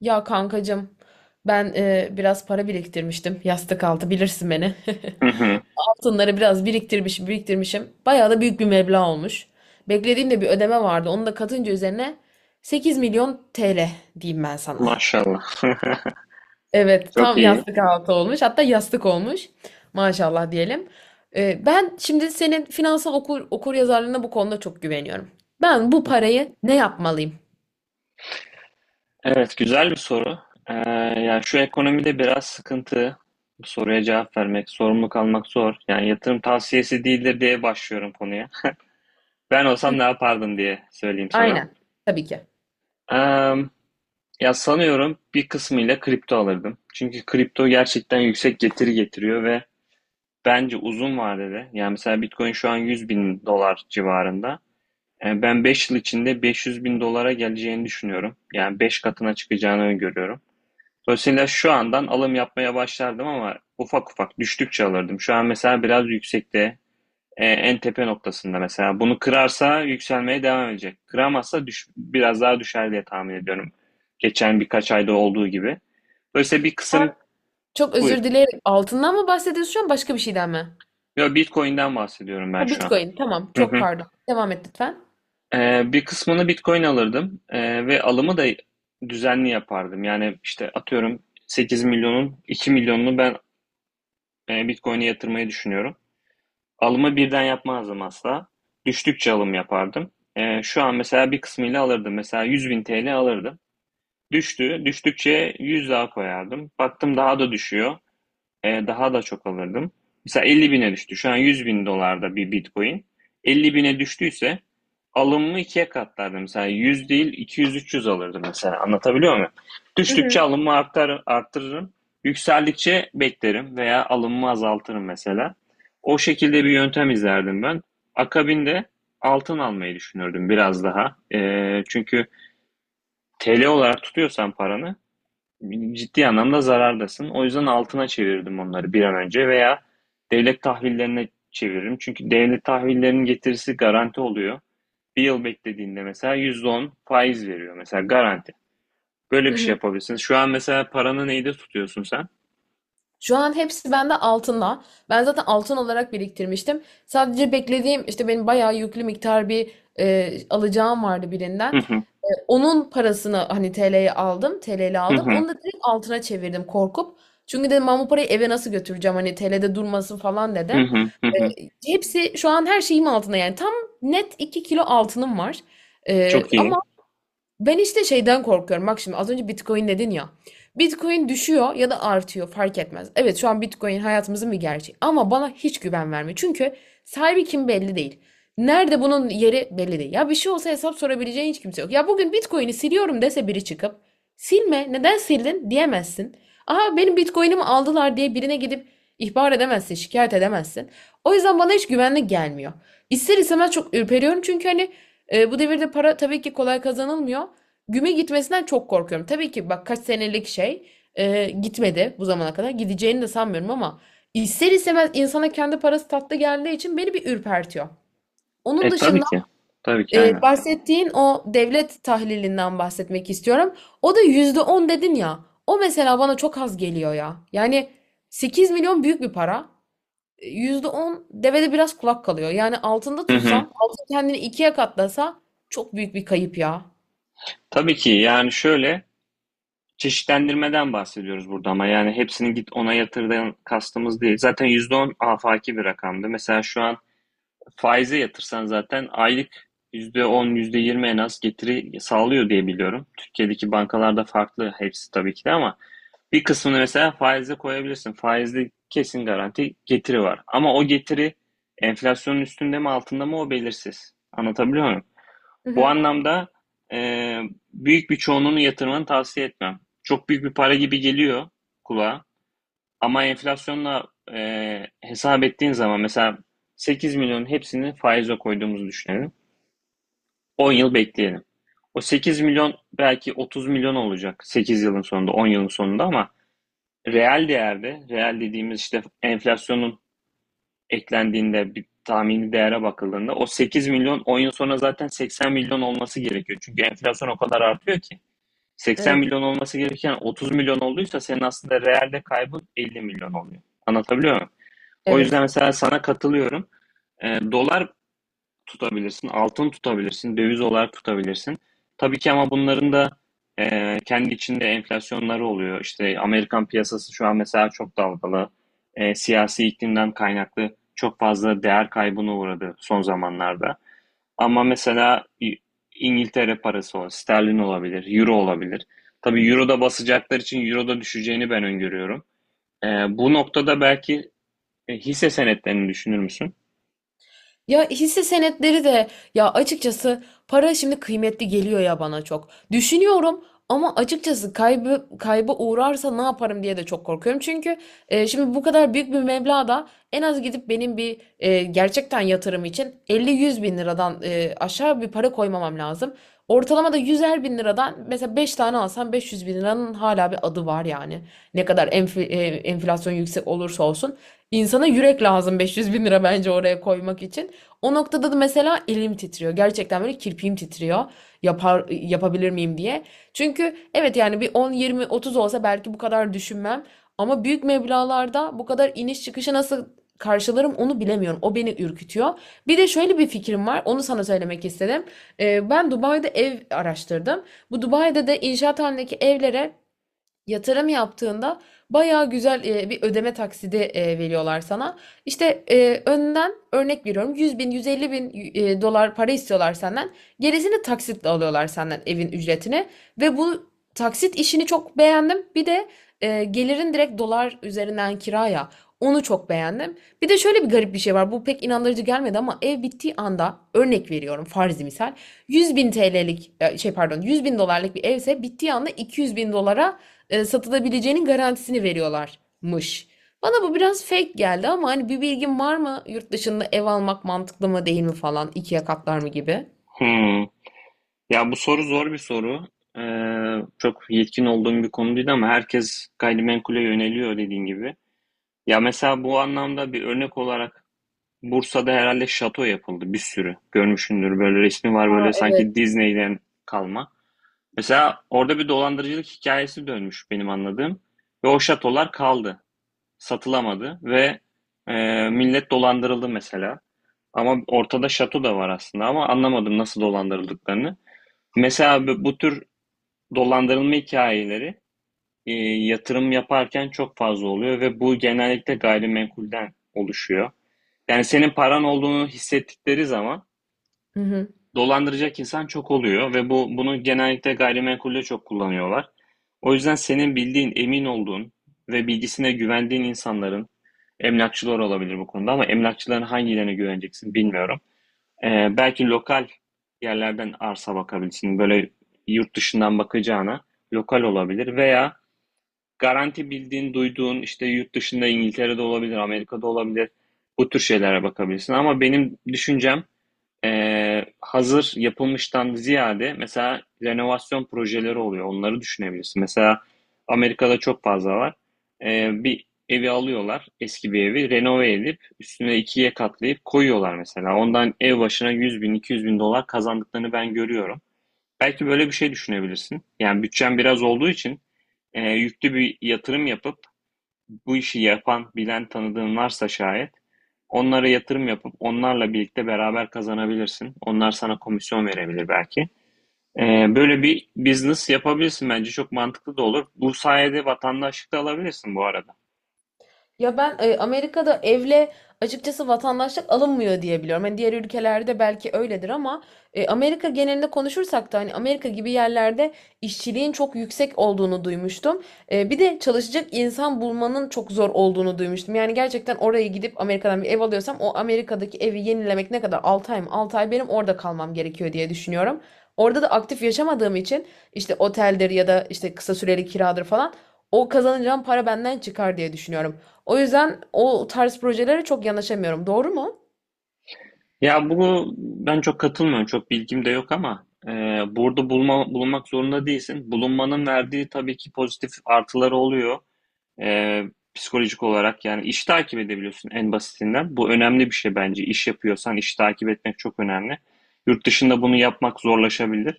Ya kankacığım ben biraz para biriktirmiştim yastık altı bilirsin beni. Hı hı. Altınları biraz biriktirmişim biriktirmişim. Bayağı da büyük bir meblağ olmuş. Beklediğimde bir ödeme vardı. Onu da katınca üzerine 8 milyon TL diyeyim ben sana. Maşallah. Evet Çok tam iyi. yastık altı olmuş. Hatta yastık olmuş. Maşallah diyelim. Ben şimdi senin finansal okur yazarlığına bu konuda çok güveniyorum. Ben bu parayı ne yapmalıyım? Evet, güzel bir soru. Ee, yani şu ekonomide biraz sıkıntı. Bu soruya cevap vermek, sorumluluk almak zor. Yani yatırım tavsiyesi değildir diye başlıyorum konuya. Ben Hı, olsam ne yapardım diye söyleyeyim sana. aynen. Tabii ki. Ee, ya sanıyorum bir kısmıyla kripto alırdım. Çünkü kripto gerçekten yüksek getiri getiriyor ve bence uzun vadede, yani mesela Bitcoin şu an 100 bin dolar civarında. Ben 5 yıl içinde 500 bin dolara geleceğini düşünüyorum. Yani 5 katına çıkacağını öngörüyorum. Dolayısıyla şu andan alım yapmaya başlardım ama ufak ufak düştükçe alırdım. Şu an mesela biraz yüksekte, en tepe noktasında mesela. Bunu kırarsa yükselmeye devam edecek. Kıramazsa biraz daha düşer diye tahmin ediyorum. Geçen birkaç ayda olduğu gibi. Dolayısıyla bir kısım. Çok Buyur. özür dilerim. Altından mı bahsediyorsun şu an başka bir şeyden mi? Yo, Bitcoin'den bahsediyorum Ha, ben şu an. Bitcoin. Tamam. Hı Çok hı. pardon. Devam et lütfen. Bir kısmını Bitcoin alırdım. Ve alımı da düzenli yapardım. Yani işte atıyorum 8 milyonun 2 milyonunu ben Bitcoin'e yatırmayı düşünüyorum. Alımı birden yapmazdım asla. Düştükçe alım yapardım. Şu an mesela bir kısmıyla alırdım. Mesela 100 bin TL alırdım. Düştü. Düştükçe 100 daha koyardım. Baktım daha da düşüyor. Daha da çok alırdım. Mesela 50 bine düştü. Şu an 100 bin dolarda bir Bitcoin. 50 bine düştüyse alımımı ikiye katlardım. Mesela 100 değil 200-300 alırdım mesela. Anlatabiliyor muyum? Hı Düştükçe hı. alımımı arttırırım. Yükseldikçe beklerim veya alımımı azaltırım mesela. O şekilde bir yöntem izlerdim ben. Akabinde altın almayı düşünürdüm biraz daha. Çünkü TL olarak tutuyorsan paranı ciddi anlamda zarardasın. O yüzden altına çevirdim onları bir an önce veya devlet tahvillerine çeviririm. Çünkü devlet tahvillerinin getirisi garanti oluyor. Bir yıl beklediğinde mesela %10 faiz veriyor mesela garanti. Böyle Hı bir şey hı. yapabilirsiniz. Şu an mesela paranı neyde tutuyorsun sen? Şu an hepsi bende altında. Ben zaten altın olarak biriktirmiştim. Sadece beklediğim işte benim bayağı yüklü miktar bir alacağım vardı Hı birinden. hı, Onun parasını hani TL'ye aldım. TL'li hı aldım. hı, Onu da direkt altına çevirdim korkup. Çünkü dedim ben bu parayı eve nasıl götüreceğim hani TL'de durmasın falan hı dedim. hı, hı hı. Hepsi şu an her şeyim altında, yani tam net 2 kilo altınım var. Ee, Çok iyi. ama ben işte şeyden korkuyorum. Bak şimdi az önce Bitcoin dedin ya. Bitcoin düşüyor ya da artıyor, fark etmez. Evet, şu an Bitcoin hayatımızın bir gerçeği ama bana hiç güven vermiyor. Çünkü sahibi kim belli değil. Nerede bunun yeri belli değil. Ya bir şey olsa hesap sorabileceğin hiç kimse yok. Ya bugün Bitcoin'i siliyorum dese biri çıkıp, silme neden sildin diyemezsin. Aha benim Bitcoin'imi aldılar diye birine gidip ihbar edemezsin, şikayet edemezsin. O yüzden bana hiç güvenli gelmiyor. İster istemez çok ürperiyorum, çünkü hani bu devirde para tabii ki kolay kazanılmıyor. Güme gitmesinden çok korkuyorum. Tabii ki bak, kaç senelik şey gitmedi bu zamana kadar. Gideceğini de sanmıyorum ama ister istemez insana kendi parası tatlı geldiği için beni bir ürpertiyor. Onun E, tabii dışında ki. Tabii ki aynen. Bahsettiğin o devlet tahlilinden bahsetmek istiyorum. O da %10 dedin ya. O mesela bana çok az geliyor ya. Yani 8 milyon büyük bir para. Yüzde on devede biraz kulak kalıyor. Yani altında Hı hı. tutsan, altın kendini ikiye katlasa çok büyük bir kayıp ya. Tabii ki yani şöyle. Çeşitlendirmeden bahsediyoruz burada ama yani hepsini git ona yatırdan kastımız değil. Zaten %10 afaki bir rakamdı. Mesela şu an faize yatırsan zaten aylık %10 yüzde yirmi en az getiri sağlıyor diye biliyorum. Türkiye'deki bankalarda farklı hepsi tabii ki de ama bir kısmını mesela faize koyabilirsin. Faizde kesin garanti getiri var. Ama o getiri enflasyonun üstünde mi altında mı o belirsiz. Anlatabiliyor muyum? Hı Bu hı. anlamda e, büyük bir çoğunluğunu yatırmanı tavsiye etmem. Çok büyük bir para gibi geliyor kulağa ama enflasyonla hesap ettiğin zaman mesela 8 milyonun hepsini faize koyduğumuzu düşünelim. 10 yıl bekleyelim. O 8 milyon belki 30 milyon olacak 8 yılın sonunda, 10 yılın sonunda ama reel değerde, reel dediğimiz işte enflasyonun eklendiğinde bir tahmini değere bakıldığında o 8 milyon 10 yıl sonra zaten 80 milyon olması gerekiyor. Çünkü enflasyon o kadar artıyor ki. 80 Evet. milyon olması gereken 30 milyon olduysa senin aslında realde kaybın 50 milyon oluyor. Anlatabiliyor muyum? O Evet. yüzden mesela sana katılıyorum. Dolar tutabilirsin, altın tutabilirsin, döviz olarak tutabilirsin. Tabii ki ama bunların da kendi içinde enflasyonları oluyor. İşte Amerikan piyasası şu an mesela çok dalgalı. Siyasi iklimden kaynaklı çok fazla değer kaybına uğradı son zamanlarda. Ama mesela İngiltere parası o. Sterlin olabilir, euro olabilir. Tabii euro da basacaklar için euro da düşeceğini ben öngörüyorum. Bu noktada belki hisse senetlerini düşünür müsün? Ya, hisse senetleri de ya, açıkçası para şimdi kıymetli geliyor ya bana, çok. Düşünüyorum ama açıkçası kaybı kayba uğrarsa ne yaparım diye de çok korkuyorum. Çünkü şimdi bu kadar büyük bir meblağda en az gidip benim bir gerçekten yatırım için elli yüz bin liradan aşağı bir para koymamam lazım. Ortalama da 100'er bin liradan mesela 5 tane alsam 500 bin liranın hala bir adı var yani. Ne kadar enflasyon yüksek olursa olsun. İnsana yürek lazım, 500 bin lira bence oraya koymak için. O noktada da mesela elim titriyor. Gerçekten böyle kirpiğim titriyor. Yapabilir miyim diye. Çünkü evet, yani bir 10, 20, 30 olsa belki bu kadar düşünmem. Ama büyük meblağlarda bu kadar iniş çıkışı nasıl karşılarım onu bilemiyorum. O beni ürkütüyor. Bir de şöyle bir fikrim var. Onu sana söylemek istedim. Ben Dubai'de ev araştırdım. Bu Dubai'de de inşaat halindeki evlere yatırım yaptığında bayağı güzel bir ödeme taksidi veriyorlar sana. İşte önden örnek veriyorum, 100 bin 150 bin dolar para istiyorlar senden. Gerisini taksitle alıyorlar senden, evin ücretini. Ve bu taksit işini çok beğendim. Bir de gelirin direkt dolar üzerinden kiraya, onu çok beğendim. Bir de şöyle bir garip bir şey var. Bu pek inandırıcı gelmedi ama ev bittiği anda, örnek veriyorum farzi misal, 100 bin TL'lik pardon, 100 bin dolarlık bir evse, bittiği anda 200 bin dolara satılabileceğinin garantisini veriyorlarmış. Bana bu biraz fake geldi ama hani bir bilgin var mı? Yurt dışında ev almak mantıklı mı değil mi falan, ikiye katlar mı gibi? Hmm. Ya bu soru zor bir soru. Çok yetkin olduğum bir konu değil ama herkes gayrimenkule yöneliyor dediğin gibi. Ya mesela bu anlamda bir örnek olarak Bursa'da herhalde şato yapıldı bir sürü. Görmüşsündür böyle resmi var, Aa, böyle evet. sanki Disney'den kalma. Mesela orada bir dolandırıcılık hikayesi dönmüş benim anladığım ve o şatolar kaldı. Satılamadı ve millet dolandırıldı mesela. Ama ortada şato da var aslında ama anlamadım nasıl dolandırıldıklarını. Mesela bu tür dolandırılma hikayeleri eee, yatırım yaparken çok fazla oluyor ve bu genellikle gayrimenkulden oluşuyor. Yani senin paran olduğunu hissettikleri zaman Hı hı. dolandıracak insan çok oluyor ve bu bunu genellikle gayrimenkulde çok kullanıyorlar. O yüzden senin bildiğin, emin olduğun ve bilgisine güvendiğin insanların emlakçılar olabilir bu konuda ama emlakçıların hangilerine güveneceksin bilmiyorum. Belki lokal yerlerden arsa bakabilirsin. Böyle yurt dışından bakacağına lokal olabilir veya garanti bildiğin, duyduğun işte yurt dışında İngiltere'de olabilir, Amerika'da olabilir. Bu tür şeylere bakabilirsin ama benim düşüncem hazır yapılmıştan ziyade mesela renovasyon projeleri oluyor. Onları düşünebilirsin. Mesela Amerika'da çok fazla var. Bir evi alıyorlar, eski bir evi renove edip üstüne ikiye katlayıp koyuyorlar mesela. Ondan ev başına 100 bin, 200 bin dolar kazandıklarını ben görüyorum. Belki böyle bir şey düşünebilirsin. Yani bütçen biraz olduğu için yüklü bir yatırım yapıp bu işi yapan, bilen tanıdığın varsa şayet onlara yatırım yapıp onlarla birlikte beraber kazanabilirsin. Onlar sana komisyon verebilir belki. Böyle bir business yapabilirsin, bence çok mantıklı da olur. Bu sayede vatandaşlık da alabilirsin bu arada. Ya ben Amerika'da evle açıkçası vatandaşlık alınmıyor diye biliyorum. Hani diğer ülkelerde belki öyledir ama Amerika genelinde konuşursak da hani Amerika gibi yerlerde işçiliğin çok yüksek olduğunu duymuştum. Bir de çalışacak insan bulmanın çok zor olduğunu duymuştum. Yani gerçekten oraya gidip Amerika'dan bir ev alıyorsam, o Amerika'daki evi yenilemek ne kadar? 6 ay mı? 6 ay benim orada kalmam gerekiyor diye düşünüyorum. Orada da aktif yaşamadığım için, işte oteldir ya da işte kısa süreli kiradır falan, o kazanacağım para benden çıkar diye düşünüyorum. O yüzden o tarz projelere çok yanaşamıyorum. Doğru mu? Ya bu ben çok katılmıyorum. Çok bilgim de yok ama burada bulunmak zorunda değilsin. Bulunmanın verdiği tabii ki pozitif artıları oluyor. Ee, psikolojik olarak yani iş takip edebiliyorsun en basitinden. Bu önemli bir şey bence. İş yapıyorsan iş takip etmek çok önemli. Yurt dışında bunu yapmak zorlaşabilir.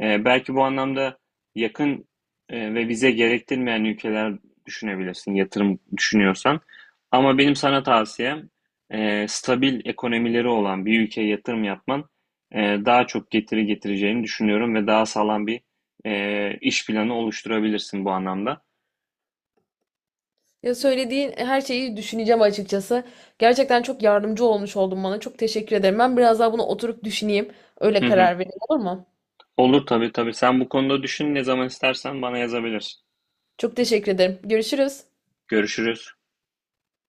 Belki bu anlamda yakın ve vize gerektirmeyen ülkeler düşünebilirsin, yatırım düşünüyorsan. Ama benim sana tavsiyem stabil ekonomileri olan bir ülkeye yatırım yapman e, daha çok getiri getireceğini düşünüyorum ve daha sağlam bir iş planı oluşturabilirsin bu anlamda. Ya, söylediğin her şeyi düşüneceğim açıkçası. Gerçekten çok yardımcı olmuş oldun bana. Çok teşekkür ederim. Ben biraz daha bunu oturup düşüneyim. Hı Öyle hı. karar vereyim, olur mu? Olur tabii tabii. Sen bu konuda düşün, ne zaman istersen bana yazabilirsin. Çok teşekkür ederim. Görüşürüz. Görüşürüz.